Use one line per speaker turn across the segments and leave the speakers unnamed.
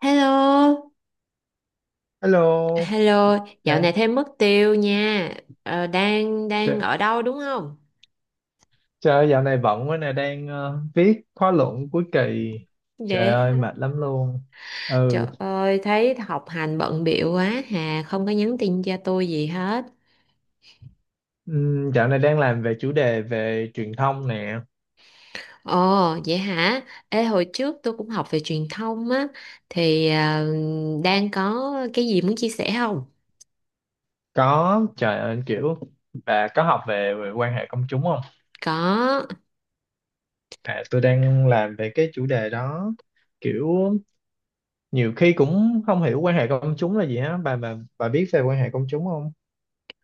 Hello,
Hello,
hello, dạo
à,
này thêm mất tiêu nha. Ờ, đang đang
trời,
ở đâu đúng không?
trời ơi, dạo này bận quá nè, đang viết khóa luận cuối kỳ. Trời
Để
ơi, mệt lắm luôn.
trời
Ừ,
ơi thấy học hành bận bịu quá hà, không có nhắn tin cho tôi gì hết.
dạo này đang làm về chủ đề về truyền thông nè.
Ồ, vậy hả? Ê hồi trước tôi cũng học về truyền thông á thì đang có cái gì muốn chia sẻ không?
Có, trời ơi, kiểu, và có học về quan hệ công chúng không?
Có.
À, tôi đang làm về cái chủ đề đó. Kiểu, nhiều khi cũng không hiểu quan hệ công chúng là gì á. Bà biết về quan hệ công chúng không?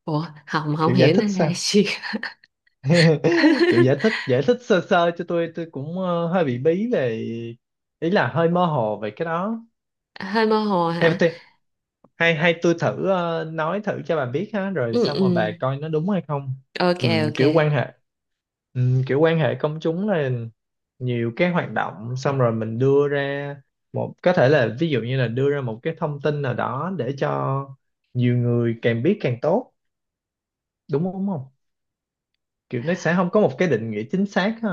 Ủa, không không
Kiểu giải
hiểu
thích
nên là
sao?
gì.
Kiểu giải thích sơ sơ cho tôi cũng hơi bị bí về, ý là hơi mơ hồ về cái đó
Hơi mơ hồ
theo
hả?
tôi. Hay hay tôi thử nói thử cho bà biết ha, rồi
Ừ,
xong
ừ.
rồi bà coi nó đúng hay không.
Ok,
Ừm,
ok.
kiểu quan hệ kiểu quan hệ công chúng là nhiều cái hoạt động, xong rồi mình đưa ra một, có thể là ví dụ như là đưa ra một cái thông tin nào đó để cho nhiều người càng biết càng tốt, đúng không, kiểu nó sẽ không có một cái định nghĩa chính xác ha.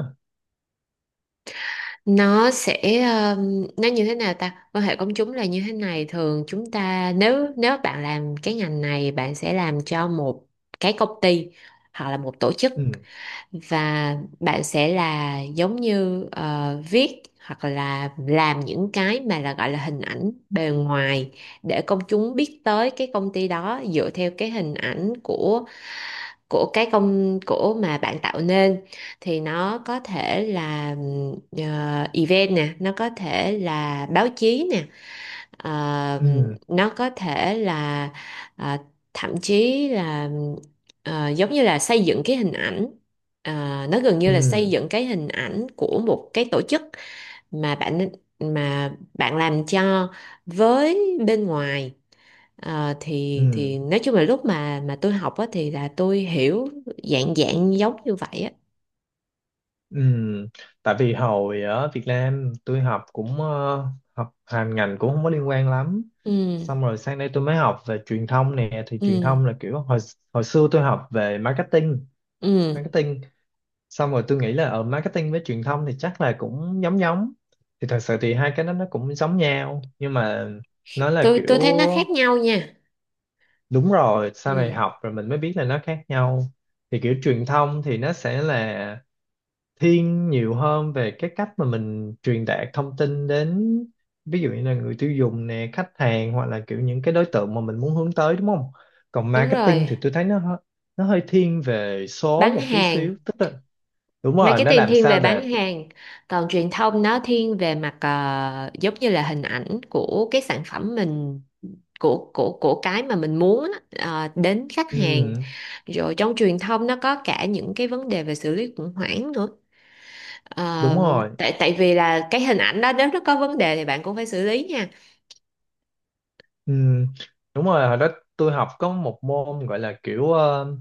Nó sẽ nó như thế nào ta, quan hệ công chúng là như thế này. Thường chúng ta, nếu nếu bạn làm cái ngành này, bạn sẽ làm cho một cái công ty hoặc là một tổ chức,
Ừ,
và bạn sẽ là giống như viết hoặc là làm những cái mà là gọi là hình ảnh bề ngoài để công chúng biết tới cái công ty đó dựa theo cái hình ảnh của cái công của mà bạn tạo nên. Thì nó có thể là event nè, nó có thể là báo chí nè. Ờ,
ừ,
nó có thể là ờ, thậm chí là giống như là xây dựng cái hình ảnh. Ờ, nó gần như là xây
ừ.
dựng cái hình ảnh của một cái tổ chức mà bạn, bạn làm cho, với bên ngoài. Ờ,
Ừ,
thì nói chung là lúc mà tôi học á, thì là tôi hiểu dạng dạng giống như vậy á.
ừ. Tại vì hồi ở Việt Nam tôi học cũng học hành ngành cũng không có liên quan lắm.
Ừ,
Xong rồi sang đây tôi mới học về truyền thông nè, thì
ừ,
truyền thông là kiểu hồi hồi xưa tôi học về marketing,
ừ.
marketing. Xong rồi tôi nghĩ là ở marketing với truyền thông thì chắc là cũng giống giống. Thì thật sự thì hai cái đó nó cũng giống nhau nhưng mà nó là
tôi
kiểu,
tôi thấy nó khác nhau nha.
đúng rồi, sau này
Ừ,
học rồi mình mới biết là nó khác nhau. Thì kiểu truyền thông thì nó sẽ là thiên nhiều hơn về cái cách mà mình truyền đạt thông tin đến, ví dụ như là người tiêu dùng nè, khách hàng, hoặc là kiểu những cái đối tượng mà mình muốn hướng tới, đúng không, còn
đúng
marketing
rồi,
thì tôi thấy nó hơi thiên về số
bán
một tí
hàng.
xíu, tức là đúng rồi, nó
Marketing
làm
thiên
sao
về
để,
bán hàng, còn truyền thông nó thiên về mặt giống như là hình ảnh của cái sản phẩm mình, của cái mà mình muốn á, đến khách hàng.
ừ,
Rồi trong truyền thông nó có cả những cái vấn đề về xử lý khủng hoảng nữa.
đúng
Ờ,
rồi,
tại tại vì là cái hình ảnh đó nếu nó có vấn đề thì bạn cũng phải xử lý nha.
ừ, đúng rồi. Hồi đó tôi học có một môn gọi là kiểu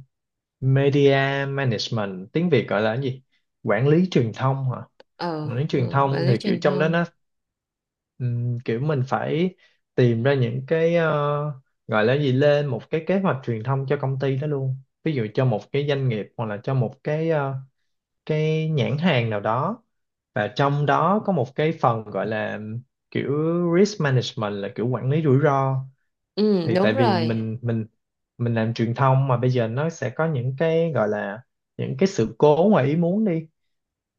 media management, tiếng Việt gọi là cái gì, quản lý truyền thông hả.
Ờ,
Mà đến truyền
ừ,
thông
quản lý
thì kiểu
truyền
trong đó
thông.
nó kiểu mình phải tìm ra những cái gọi là gì, lên một cái kế hoạch truyền thông cho công ty đó luôn, ví dụ cho một cái doanh nghiệp hoặc là cho một cái nhãn hàng nào đó, và trong đó có một cái phần gọi là kiểu risk management, là kiểu quản lý rủi ro,
Ừ,
thì tại
đúng
vì
rồi.
mình làm truyền thông mà, bây giờ nó sẽ có những cái gọi là những cái sự cố ngoài ý muốn đi,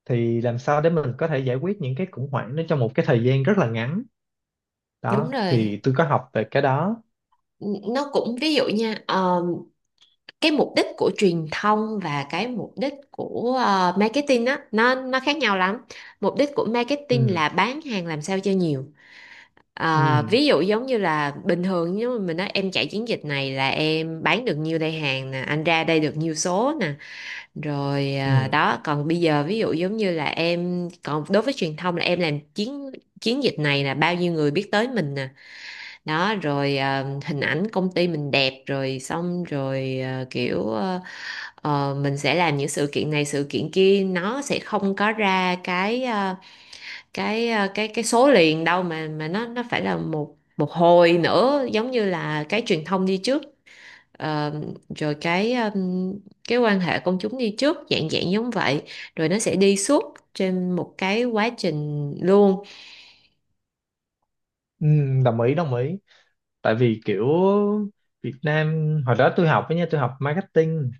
thì làm sao để mình có thể giải quyết những cái khủng hoảng đó trong một cái thời gian rất là ngắn,
Đúng
đó
rồi.
thì tôi có học về cái đó.
Nó cũng ví dụ nha, cái mục đích của truyền thông và cái mục đích của marketing á, nó khác nhau lắm. Mục đích của marketing
Ừ,
là bán hàng làm sao cho nhiều. Ờ,
ừ,
ví dụ giống như là bình thường nếu mà mình nói em chạy chiến dịch này là em bán được nhiêu đây hàng nè, anh ra đây được nhiêu số nè. Rồi
ừ,
đó, còn bây giờ ví dụ giống như là em, còn đối với truyền thông là em làm chiến chiến dịch này là bao nhiêu người biết tới mình nè. Đó, rồi hình ảnh công ty mình đẹp, rồi xong rồi mình sẽ làm những sự kiện này sự kiện kia, nó sẽ không có ra cái cái số liền đâu, mà nó phải là một một hồi nữa, giống như là cái truyền thông đi trước, ờ, rồi cái quan hệ công chúng đi trước, dạng dạng giống vậy. Rồi nó sẽ đi suốt trên một cái quá trình luôn.
ừ, đồng ý, đồng ý. Tại vì kiểu Việt Nam, hồi đó tôi học với nha, tôi học marketing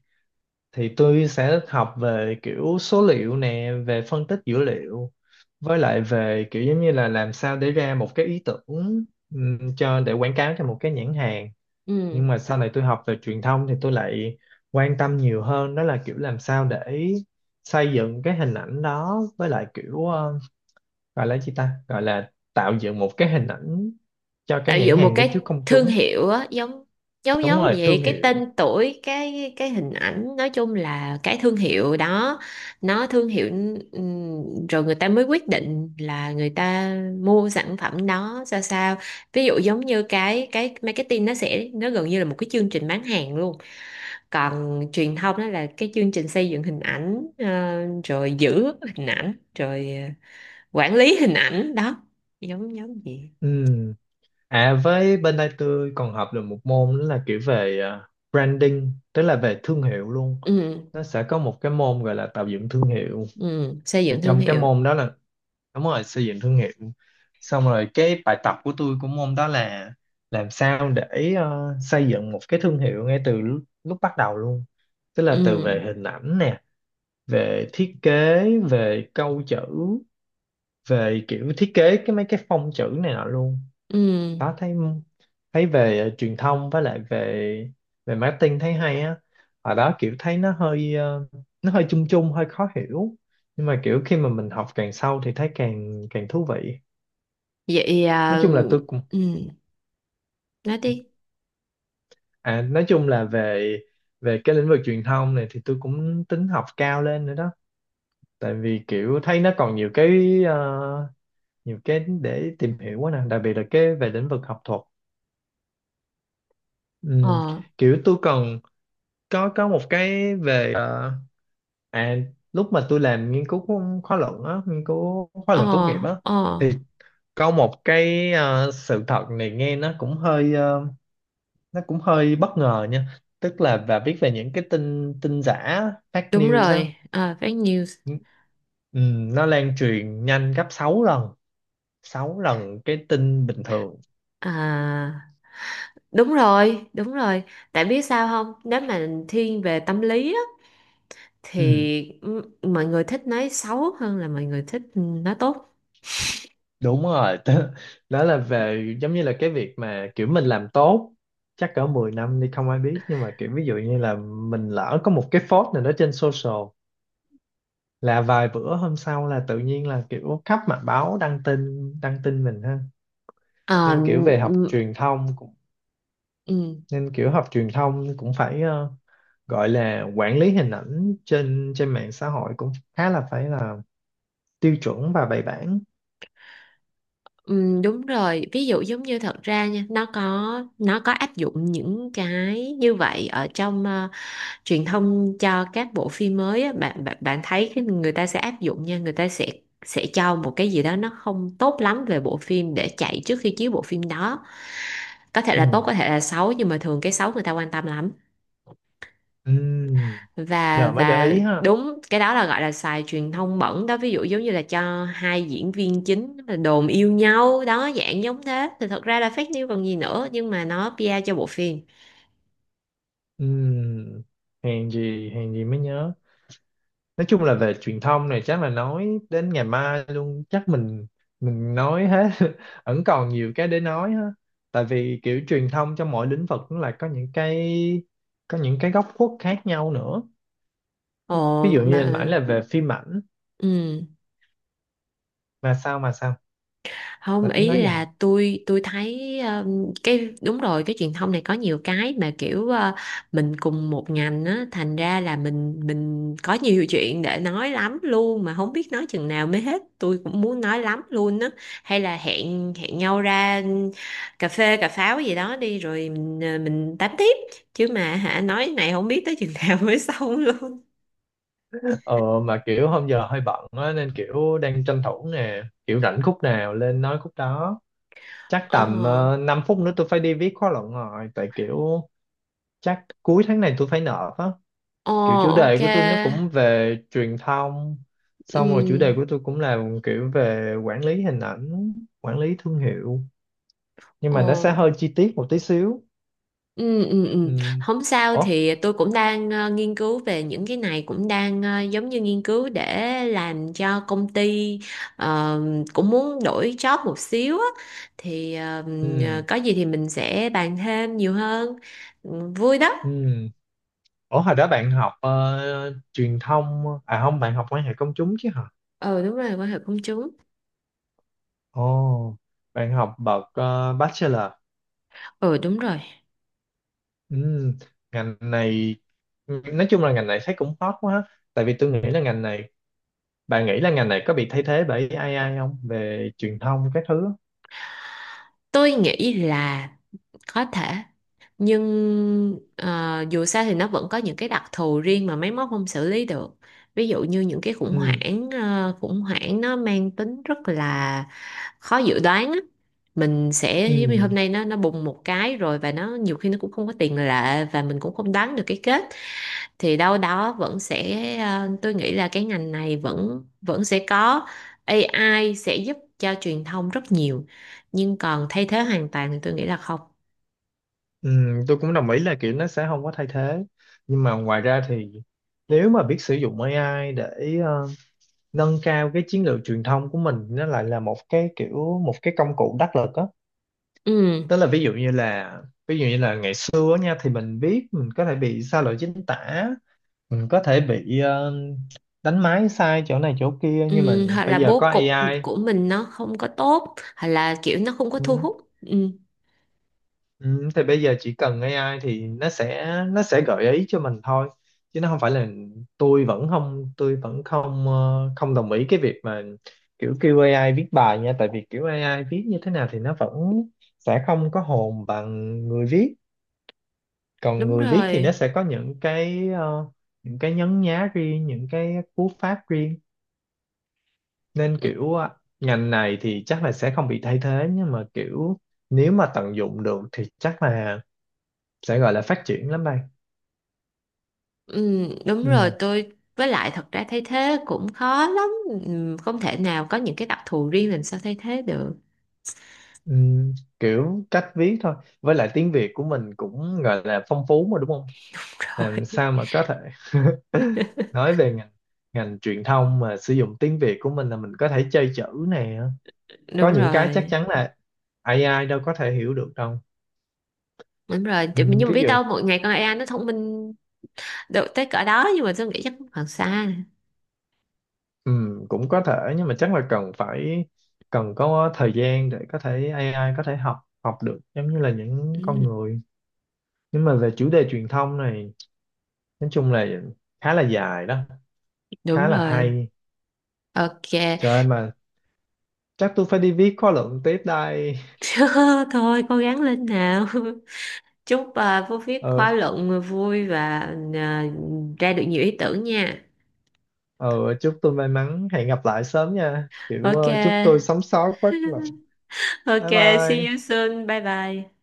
thì tôi sẽ học về kiểu số liệu nè, về phân tích dữ liệu, với lại về kiểu giống như là làm sao để ra một cái ý tưởng cho để quảng cáo cho một cái nhãn hàng. Nhưng
Ừ,
mà sau này tôi học về truyền thông thì tôi lại quan tâm nhiều hơn, đó là kiểu làm sao để xây dựng cái hình ảnh đó, với lại kiểu gọi là gì ta, gọi là tạo dựng một cái hình ảnh cho cái
tạo
nhãn
dựng một
hàng đó
cái
trước công
thương
chúng.
hiệu á, giống giống
Đúng
giống
rồi,
vậy,
thương
cái
hiệu.
tên tuổi, cái hình ảnh, nói chung là cái thương hiệu đó. Nó thương hiệu. Rồi người ta mới quyết định là người ta mua sản phẩm đó sao sao. Ví dụ giống như cái marketing nó sẽ, nó gần như là một cái chương trình bán hàng luôn, còn truyền thông đó là cái chương trình xây dựng hình ảnh, rồi giữ hình ảnh, rồi quản lý hình ảnh đó, giống giống gì.
Ừm. À, với bên đây tôi còn học được một môn đó là kiểu về branding, tức là về thương hiệu luôn. Nó sẽ có một cái môn gọi là tạo dựng thương hiệu,
Ừ, xây
thì
dựng thương
trong cái
hiệu.
môn đó là, đúng rồi, xây dựng thương hiệu. Xong rồi cái bài tập của tôi của môn đó là làm sao để xây dựng một cái thương hiệu ngay từ lúc bắt đầu luôn, tức là từ về
Ừ,
hình ảnh nè, về thiết kế, về câu chữ, về kiểu thiết kế cái mấy cái phông chữ này nọ luôn.
ừ.
Đó, thấy thấy về truyền thông với lại về về marketing thấy hay á. Ở đó kiểu thấy nó hơi chung chung, hơi khó hiểu, nhưng mà kiểu khi mà mình học càng sâu thì thấy càng càng thú vị.
Vậy
nói
à?
chung là tôi cũng
Ừ. Nói đi.
nói chung là về về cái lĩnh vực truyền thông này thì tôi cũng tính học cao lên nữa đó, tại vì kiểu thấy nó còn nhiều cái để tìm hiểu quá nè, đặc biệt là cái về lĩnh vực học thuật. Ừm,
Ờ,
kiểu tôi còn có một cái về à lúc mà tôi làm nghiên cứu khóa
ờ,
luận tốt nghiệp á,
ờ,
thì có một cái sự thật này nghe nó cũng hơi nó cũng hơi bất ngờ nha, tức là và biết về những cái tin tin giả, fake
đúng
news á.
rồi, à, fake news.
Ừ, nó lan truyền nhanh gấp 6 lần, 6 lần cái tin bình thường.
À, đúng rồi, đúng rồi. Tại biết sao không, nếu mà thiên về tâm lý á,
Ừ,
thì m- mọi người thích nói xấu hơn là mọi người thích nói tốt.
đúng rồi. Đó là về giống như là cái việc mà kiểu mình làm tốt chắc cỡ 10 năm đi không ai biết, nhưng mà kiểu ví dụ như là mình lỡ có một cái post nào đó trên social là vài bữa hôm sau là tự nhiên là kiểu khắp mặt báo đăng tin, đăng tin mình ha,
Ờ,
nên kiểu về học
ừ,
truyền thông
ừ,
nên kiểu học truyền thông cũng phải gọi là quản lý hình ảnh trên trên mạng xã hội cũng khá là, phải là tiêu chuẩn và bài bản.
ừ, đúng rồi. Ví dụ giống như thật ra nha, nó có áp dụng những cái như vậy ở trong truyền thông cho các bộ phim mới á, bạn bạn bạn thấy cái, người ta sẽ áp dụng nha, người ta sẽ cho một cái gì đó nó không tốt lắm về bộ phim để chạy trước khi chiếu bộ phim đó. Có thể là tốt,
Ừ.
có thể là xấu, nhưng mà thường cái xấu người ta quan tâm lắm.
Ừ.
và
Giờ mới để
và
ý ha.
đúng, cái đó là gọi là xài truyền thông bẩn đó, ví dụ giống như là cho hai diễn viên chính là đồn yêu nhau đó, dạng giống thế, thì thật ra là fake news còn gì nữa, nhưng mà nó PR cho bộ phim.
Ừ. Hèn gì mới nhớ. Nói chung là về truyền thông này chắc là nói đến ngày mai luôn, chắc mình nói hết vẫn còn nhiều cái để nói ha, tại vì kiểu truyền thông trong mỗi lĩnh vực cũng là có những cái góc khuất khác nhau nữa,
Ồ
ví dụ
mà
như nãy là về phim ảnh.
ừ,
mà sao mà sao
không,
mà tính
ý
nói
là
giàu.
tôi thấy cái đúng rồi, cái truyền thông này có nhiều cái mà kiểu mình cùng một ngành á, thành ra là mình có nhiều chuyện để nói lắm luôn, mà không biết nói chừng nào mới hết. Tôi cũng muốn nói lắm luôn á. Hay là hẹn hẹn nhau ra cà phê cà pháo gì đó đi, rồi mình mình tám tiếp. Chứ mà hả, nói này không biết tới chừng nào mới xong luôn.
Ờ mà kiểu hôm giờ hơi bận á, nên kiểu đang tranh thủ nè, kiểu rảnh khúc nào lên nói khúc đó. Chắc
Ờ,
tầm 5 phút nữa tôi phải đi viết khóa luận rồi, tại kiểu chắc cuối tháng này tôi phải nộp á.
ờ,
Kiểu chủ đề
ok,
của tôi nó cũng về truyền thông, xong rồi chủ đề của
ừ,
tôi cũng là kiểu về quản lý hình ảnh, quản lý thương hiệu, nhưng mà nó
ờ,
sẽ hơi chi tiết một tí xíu.
ừ, ừ, ừ.
Ừ.
Không sao,
Ủa?
thì tôi cũng đang nghiên cứu về những cái này, cũng đang giống như nghiên cứu để làm cho công ty, ờ, cũng muốn đổi job một xíu á. Thì
Ừ.
có gì thì mình sẽ bàn thêm nhiều hơn. Ừ, vui đó.
Ừ. Ủa, hồi đó bạn học truyền thông, à không, bạn học quan hệ công chúng chứ hả?
Ừ, đúng rồi, quan hệ công chúng.
Ồ, bạn học bậc bachelor.
Ừ, đúng rồi.
Ừm, ngành này, thấy cũng hot quá ha. Tại vì tôi nghĩ là ngành này, bạn nghĩ là ngành này có bị thay thế bởi AI không, về truyền thông các thứ?
Tôi nghĩ là có thể, nhưng dù sao thì nó vẫn có những cái đặc thù riêng mà máy móc không xử lý được. Ví dụ như những cái khủng
Ừm,
hoảng, khủng hoảng nó mang tính rất là khó dự đoán á. Mình sẽ giống như
ừm,
hôm nay nó bùng một cái rồi, và nó nhiều khi nó cũng không có tiền lệ, và mình cũng không đoán được cái kết. Thì đâu đó vẫn sẽ, tôi nghĩ là cái ngành này vẫn vẫn sẽ có. AI sẽ giúp cho truyền thông rất nhiều, nhưng còn thay thế hoàn toàn thì tôi nghĩ là không.
tôi cũng đồng ý là kiểu nó sẽ không có thay thế. Nhưng mà ngoài ra thì nếu mà biết sử dụng AI để nâng cao cái chiến lược truyền thông của mình, nó lại là một cái công cụ đắc lực á,
Ừ.
tức là ví dụ như là ngày xưa nha, thì mình viết mình có thể bị sai lỗi chính tả, mình có thể bị đánh máy sai chỗ này chỗ kia, nhưng mà
Ừ, hoặc
bây
là
giờ
bố
có
cục
AI.
của mình nó không có tốt, hoặc là kiểu nó không có thu
Ừ,
hút. Ừ,
ừ, thì bây giờ chỉ cần AI thì nó sẽ gợi ý cho mình thôi, chứ nó không phải là. Tôi vẫn không đồng ý cái việc mà kiểu kêu AI viết bài nha, tại vì kiểu AI viết như thế nào thì nó vẫn sẽ không có hồn bằng người viết, còn
đúng
người viết thì nó
rồi.
sẽ có những cái nhấn nhá riêng, những cái cú pháp riêng. Nên kiểu ngành này thì chắc là sẽ không bị thay thế, nhưng mà kiểu nếu mà tận dụng được thì chắc là sẽ gọi là phát triển lắm đây.
Ừ, đúng rồi,
Ừ,
tôi với lại thật ra thay thế cũng khó lắm. Ừ, không thể nào, có những cái đặc thù riêng làm sao thay thế được.
ừ, kiểu cách viết thôi, với lại tiếng Việt của mình cũng gọi là phong phú mà, đúng không,
Rồi,
làm sao mà có thể nói về ngành ngành truyền thông mà sử dụng tiếng Việt của mình là mình có thể chơi chữ này, có
đúng
những cái chắc
rồi,
chắn là ai ai đâu có thể hiểu được đâu.
đúng rồi.
Ừ,
Nhưng mà
ví
biết
dụ.
đâu một ngày con AI nó thông minh được tới cỡ đó, nhưng mà tôi nghĩ chắc cũng còn xa.
Ừ, cũng có thể nhưng mà chắc là cần có thời gian để có thể ai ai có thể học học được giống như là những con
Ừ,
người. Nhưng mà về chủ đề truyền thông này nói chung là khá là dài đó,
đúng
khá là
rồi.
hay.
Ok.
Trời ơi mà chắc tôi phải đi viết khóa luận tiếp đây.
Thôi cố gắng lên nào. Chúc à, Phú viết
ờ
khóa luận vui và à, ra được nhiều ý tưởng nha.
ờ chúc tôi may mắn, hẹn gặp lại sớm nha, kiểu
Ok,
chúc tôi sống sót quá. Bye
ok, see you
bye.
soon. Bye bye.